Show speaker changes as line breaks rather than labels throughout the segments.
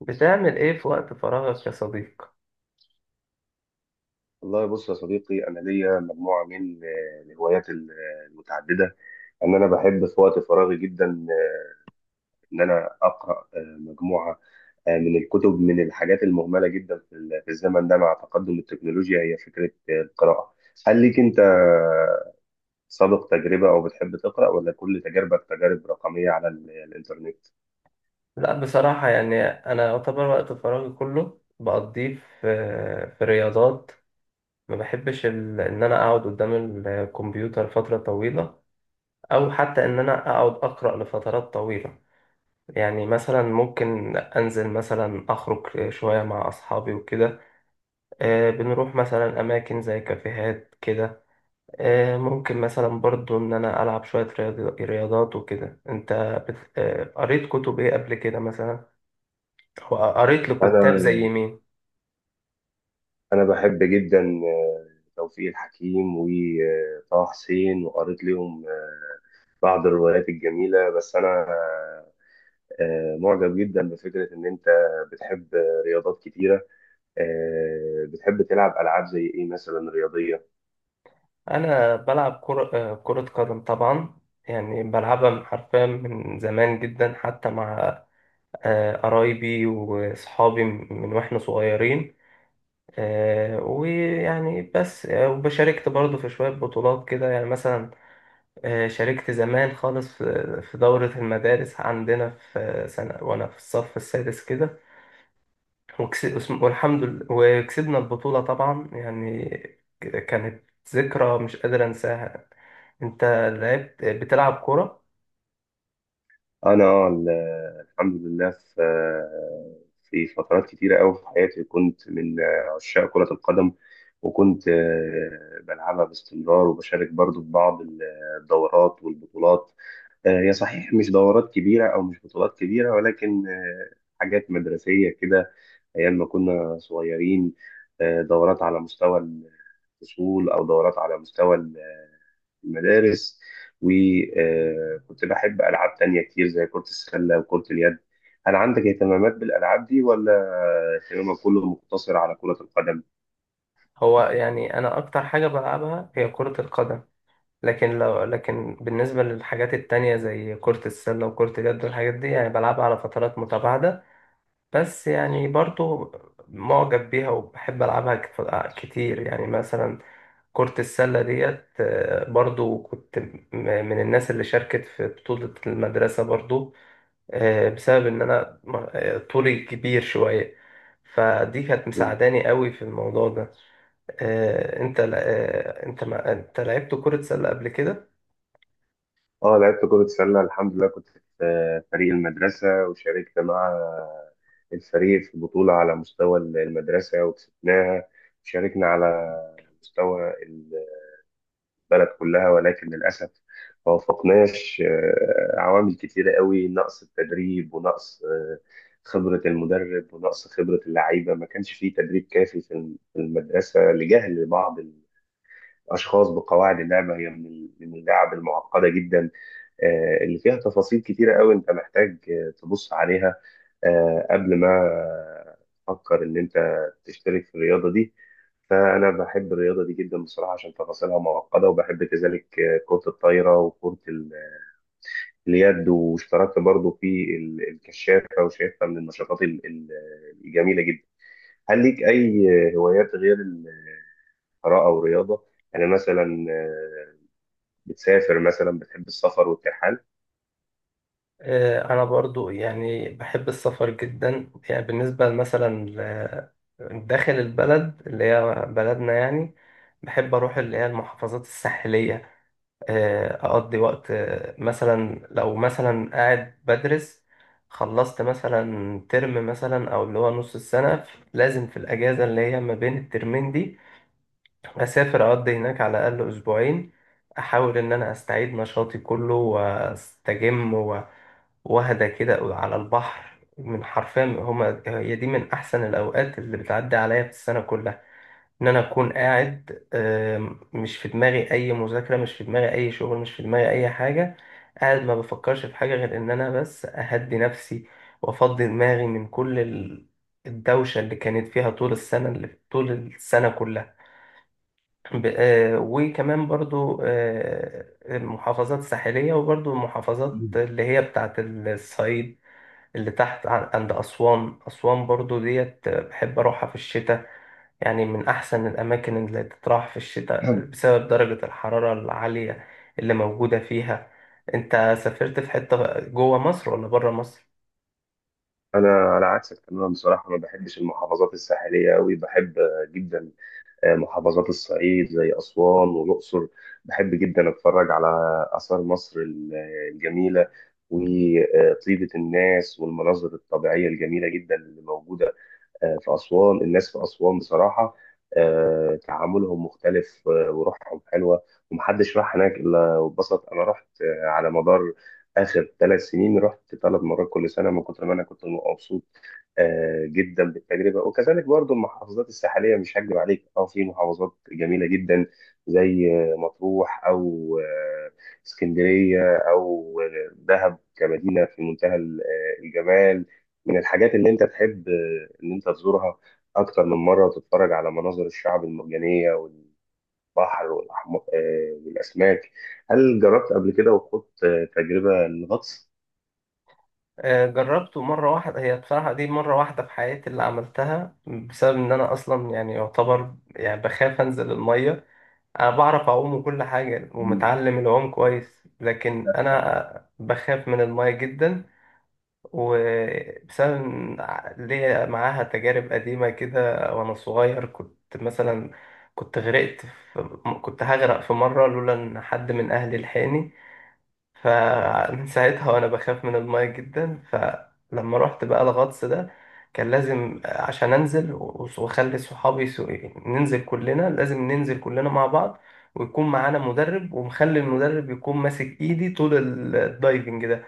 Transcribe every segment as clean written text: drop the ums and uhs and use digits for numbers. بتعمل ايه في وقت فراغك يا صديق؟
والله، بص يا صديقي، انا ليا مجموعه من الهوايات المتعدده. ان انا بحب في وقت فراغي جدا، ان انا اقرا مجموعه من الكتب، من الحاجات المهمله جدا في الزمن ده، مع تقدم التكنولوجيا، هي فكره القراءه. هل ليك انت سابق تجربه او بتحب تقرا، ولا كل تجاربك تجارب رقميه الانترنت؟
لا بصراحة، يعني انا يعتبر وقت فراغي كله بقضيه في في رياضات. ما بحبش ال... ان انا اقعد قدام الكمبيوتر فترة طويلة، او حتى ان انا اقعد اقرأ لفترات طويلة. يعني مثلا ممكن انزل، مثلا اخرج شوية مع اصحابي وكده. بنروح مثلا اماكن زي كافيهات كده. ممكن مثلا برضو إن أنا ألعب شوية رياضات وكده. أنت بت... آه، قريت كتب إيه قبل كده مثلا؟ أو قريت لكتاب زي
انا
مين؟
انا بحب جدا آه، توفيق الحكيم وطه حسين، وقريت لهم بعض الروايات الجميلة. بس أنا معجب جدا بفكرة إن أنت بتحب رياضات كتيرة. بتحب تلعب ألعاب زي إيه مثلا رياضية؟
أنا بلعب كرة، كرة قدم طبعا. يعني بلعبها حرفيا من زمان جدا، حتى مع قرايبي وأصحابي من وإحنا صغيرين. آه، ويعني بس آه، وبشاركت برضو في شوية بطولات كده. يعني مثلا شاركت زمان خالص في دورة المدارس عندنا في سنة وأنا في الصف السادس كده. وكس- والحمد لله وكسبنا البطولة طبعا. يعني كانت ذكرى مش قادر أنساها. أنت لعبت، بتلعب كرة؟
أنا، الحمد لله، في فترات كتيرة أوي في حياتي كنت من عشاق كرة القدم. وكنت بلعبها باستمرار، وبشارك برضو في بعض الدورات والبطولات. هي صحيح مش دورات كبيرة أو مش بطولات كبيرة، ولكن حاجات مدرسية كده، أيام ما كنا صغيرين. دورات على مستوى الفصول أو دورات على مستوى المدارس. وكنت بحب ألعاب تانية كتير زي كرة السلة وكرة اليد. هل عندك اهتمامات بالألعاب دي ولا اهتمامك كله مقتصر على كرة القدم؟
هو يعني أنا أكتر حاجة بلعبها هي كرة القدم، لكن بالنسبة للحاجات التانية زي كرة السلة وكرة اليد والحاجات دي، يعني بلعبها على فترات متباعدة. بس يعني برضو معجب بيها وبحب ألعبها كتير. يعني مثلا كرة السلة ديت، برضو كنت من الناس اللي شاركت في بطولة المدرسة برضو، بسبب إن أنا طولي كبير شوية، فدي كانت
مم.
مساعداني قوي في الموضوع ده. آه، أنت ل- آه، أنت ما أنت لعبت كرة سلة قبل كده؟
اه، لعبت كرة سلة. الحمد لله كنت في فريق المدرسة، وشاركت مع الفريق في بطولة على مستوى المدرسة وكسبناها. شاركنا على مستوى البلد كلها، ولكن للأسف ما وفقناش. عوامل كتيرة قوي: نقص التدريب، ونقص خبرة المدرب، ونقص خبرة اللعيبة. ما كانش فيه تدريب كافي في المدرسة، لجهل بعض اشخاص بقواعد اللعبه. هي من اللعب المعقده جدا، اللي فيها تفاصيل كتيره قوي. انت محتاج تبص عليها قبل ما تفكر ان انت تشترك في الرياضه دي. فأنا بحب الرياضة دي جدا بصراحة، عشان تفاصيلها معقدة. وبحب كذلك كرة الطايرة وكرة اليد، واشتركت برضو الكشافة، وشايفها من النشاطات الجميلة جدا. هل ليك أي هوايات غير القراءة والرياضة؟ أنا مثلا، بتسافر مثلا، بتحب السفر والترحال؟
أنا برضو يعني بحب السفر جدا. يعني بالنسبة مثلا داخل البلد اللي هي بلدنا، يعني بحب أروح اللي هي المحافظات الساحلية. أقضي وقت، مثلا لو مثلا قاعد بدرس، خلصت مثلا ترم مثلا أو اللي هو نص السنة، لازم في الأجازة اللي هي ما بين الترمين دي أسافر أقضي هناك على الأقل أسبوعين. أحاول إن أنا أستعيد نشاطي كله وأستجم واحدة كده على البحر. من حرفيا هما هي دي من أحسن الأوقات اللي بتعدي عليا في السنة كلها، إن أنا أكون قاعد مش في دماغي أي مذاكرة، مش في دماغي أي شغل، مش في دماغي أي حاجة. قاعد ما بفكرش في حاجة غير إن أنا بس أهدي نفسي وأفضي دماغي من كل الدوشة اللي كانت فيها طول السنة، اللي طول السنة كلها. وكمان برضو المحافظات الساحلية، وبرضو المحافظات
مم.
اللي هي بتاعت الصعيد، اللي تحت عند أسوان. أسوان برضو ديت بحب أروحها في الشتاء، يعني من أحسن الأماكن اللي تتراح في الشتاء
حلو.
بسبب درجة الحرارة العالية اللي موجودة فيها. أنت سافرت في حتة جوه مصر ولا بره مصر؟
انا على عكسك تماما بصراحه. ما بحبش المحافظات الساحليه قوي. بحب جدا محافظات الصعيد زي اسوان والاقصر. بحب جدا اتفرج على اثار مصر الجميله، وطيبه الناس والمناظر الطبيعيه الجميله جدا اللي موجوده في أسوان. الناس في أسوان بصراحة تعاملهم مختلف، وروحهم حلوة. ومحدش راح هناك إلا واتبسط. أنا رحت على مدار آخر 3 سنين، رحت 3 مرات كل سنة من كتر ما أنا كنت مبسوط جدا بالتجربة. وكذلك برضو، المحافظات الساحلية مش هكذب عليك، أه، في محافظات جميلة جدا زي مطروح، أو آه، اسكندرية، أو دهب، كمدينة في منتهى الجمال. من الحاجات اللي انت تحب ان انت تزورها اكتر من مره، وتتفرج على مناظر الشعب المرجانيه والبحر والأحم... آه، والاسماك. هل جربت قبل كده وخدت تجربه الغطس؟
جربته مرة واحدة. هي بصراحة دي مرة واحدة في حياتي اللي عملتها، بسبب إن أنا أصلا يعني يعتبر يعني بخاف أنزل المية. أنا بعرف أعوم وكل حاجة ومتعلم العوم كويس، لكن أنا بخاف من المية جدا، وبسبب إن ليا معاها تجارب قديمة كده. وأنا صغير كنت مثلا كنت غرقت في كنت هغرق في مرة لولا إن حد من أهلي لحقني. فمن ساعتها وأنا بخاف من الماية جدا. فلما رحت بقى الغطس ده، كان لازم عشان أنزل وأخلي صحابي ننزل كلنا، لازم ننزل كلنا مع بعض، ويكون معانا مدرب، ومخلي المدرب يكون ماسك إيدي طول الدايفنج ده.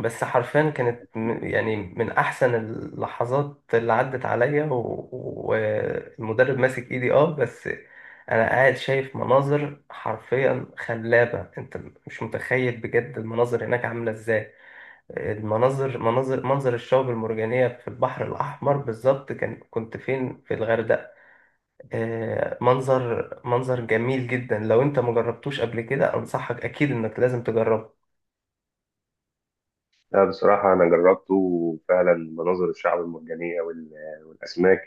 بس حرفيا يعني من احسن اللحظات اللي عدت عليا، و- والمدرب ماسك ايدي. اه بس انا قاعد شايف مناظر حرفيا خلابة. انت مش متخيل بجد المناظر هناك عاملة ازاي. المناظر مناظر منظر الشعب المرجانية في البحر الأحمر. بالظبط كان كنت فين؟ في الغردقة. منظر جميل جدا. لو انت مجربتوش قبل كده، أنصحك أكيد إنك لازم تجربه.
لا، بصراحة أنا جربته. وفعلا مناظر الشعب المرجانية والأسماك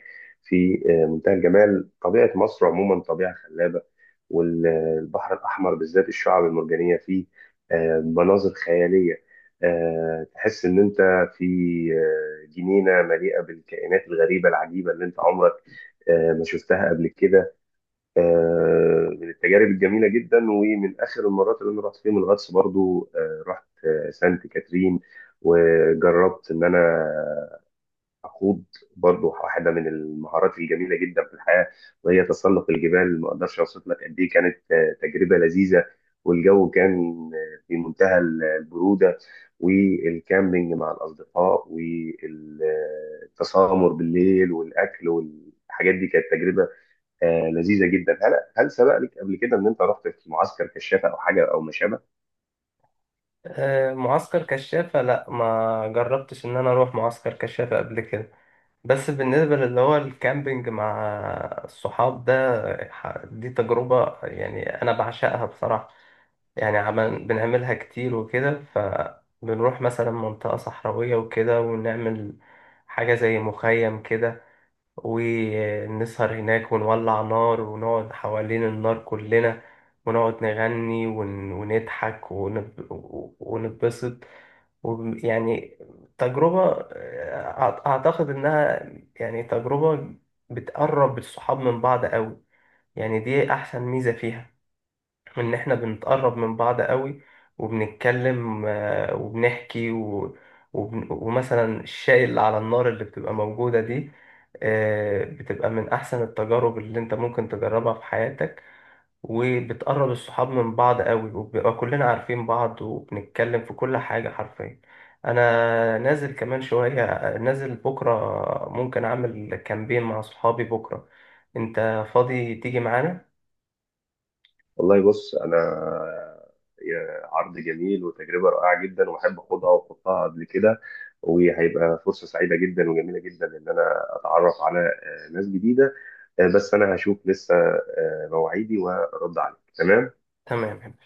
في منتهى الجمال. طبيعة مصر عموما طبيعة خلابة، والبحر الأحمر بالذات الشعب المرجانية فيه مناظر خيالية. تحس إن أنت في جنينة مليئة بالكائنات الغريبة العجيبة اللي أنت عمرك ما شفتها قبل كده. من التجارب الجميله جدا. ومن اخر المرات اللي انا رحت فيهم الغطس برضو، رحت سانت كاترين، وجربت ان انا اخوض برضو واحده من المهارات الجميله جدا في الحياه، وهي تسلق الجبال. ما اقدرش اوصف لك قد ايه كانت تجربه لذيذه، والجو كان في منتهى البروده، والكامبينج مع الاصدقاء والتسامر بالليل والاكل والحاجات دي كانت تجربه لذيذه جدا. هل سبق لك قبل كده ان انت رحت في معسكر كشافه او حاجه او ما شابه؟
معسكر كشافة، لا ما جربتش ان انا اروح معسكر كشافة قبل كده. بس بالنسبة للي هو الكامبينج مع الصحاب ده، دي تجربة يعني انا بعشقها بصراحة. يعني بنعملها كتير وكده. فبنروح مثلا منطقة صحراوية وكده، ونعمل حاجة زي مخيم كده، ونسهر هناك ونولع نار، ونقعد حوالين النار كلنا ونقعد نغني، ونضحك، ونتبسط. وب- يعني تجربة أعتقد إنها يعني تجربة بتقرب الصحاب من بعض أوي. يعني دي أحسن ميزة فيها، ان احنا بنتقرب من بعض قوي، وبنتكلم، وبنحكي ومثلا الشاي اللي على النار اللي بتبقى موجودة دي، بتبقى من احسن التجارب اللي انت ممكن تجربها في حياتك. وبتقرب الصحاب من بعض قوي، وبنبقى كلنا عارفين بعض، وبنتكلم في كل حاجة حرفيا. انا نازل كمان شوية، نازل بكرة، ممكن اعمل كامبين مع صحابي بكرة. انت فاضي تيجي معانا؟
والله بص انا، يا عرض جميل وتجربه رائعه جدا، واحب اخدها واحطها قبل كده، وهيبقى فرصه سعيده جدا وجميله جدا ان انا اتعرف على ناس جديده. بس انا هشوف لسه مواعيدي وارد عليك تمام.
تمام.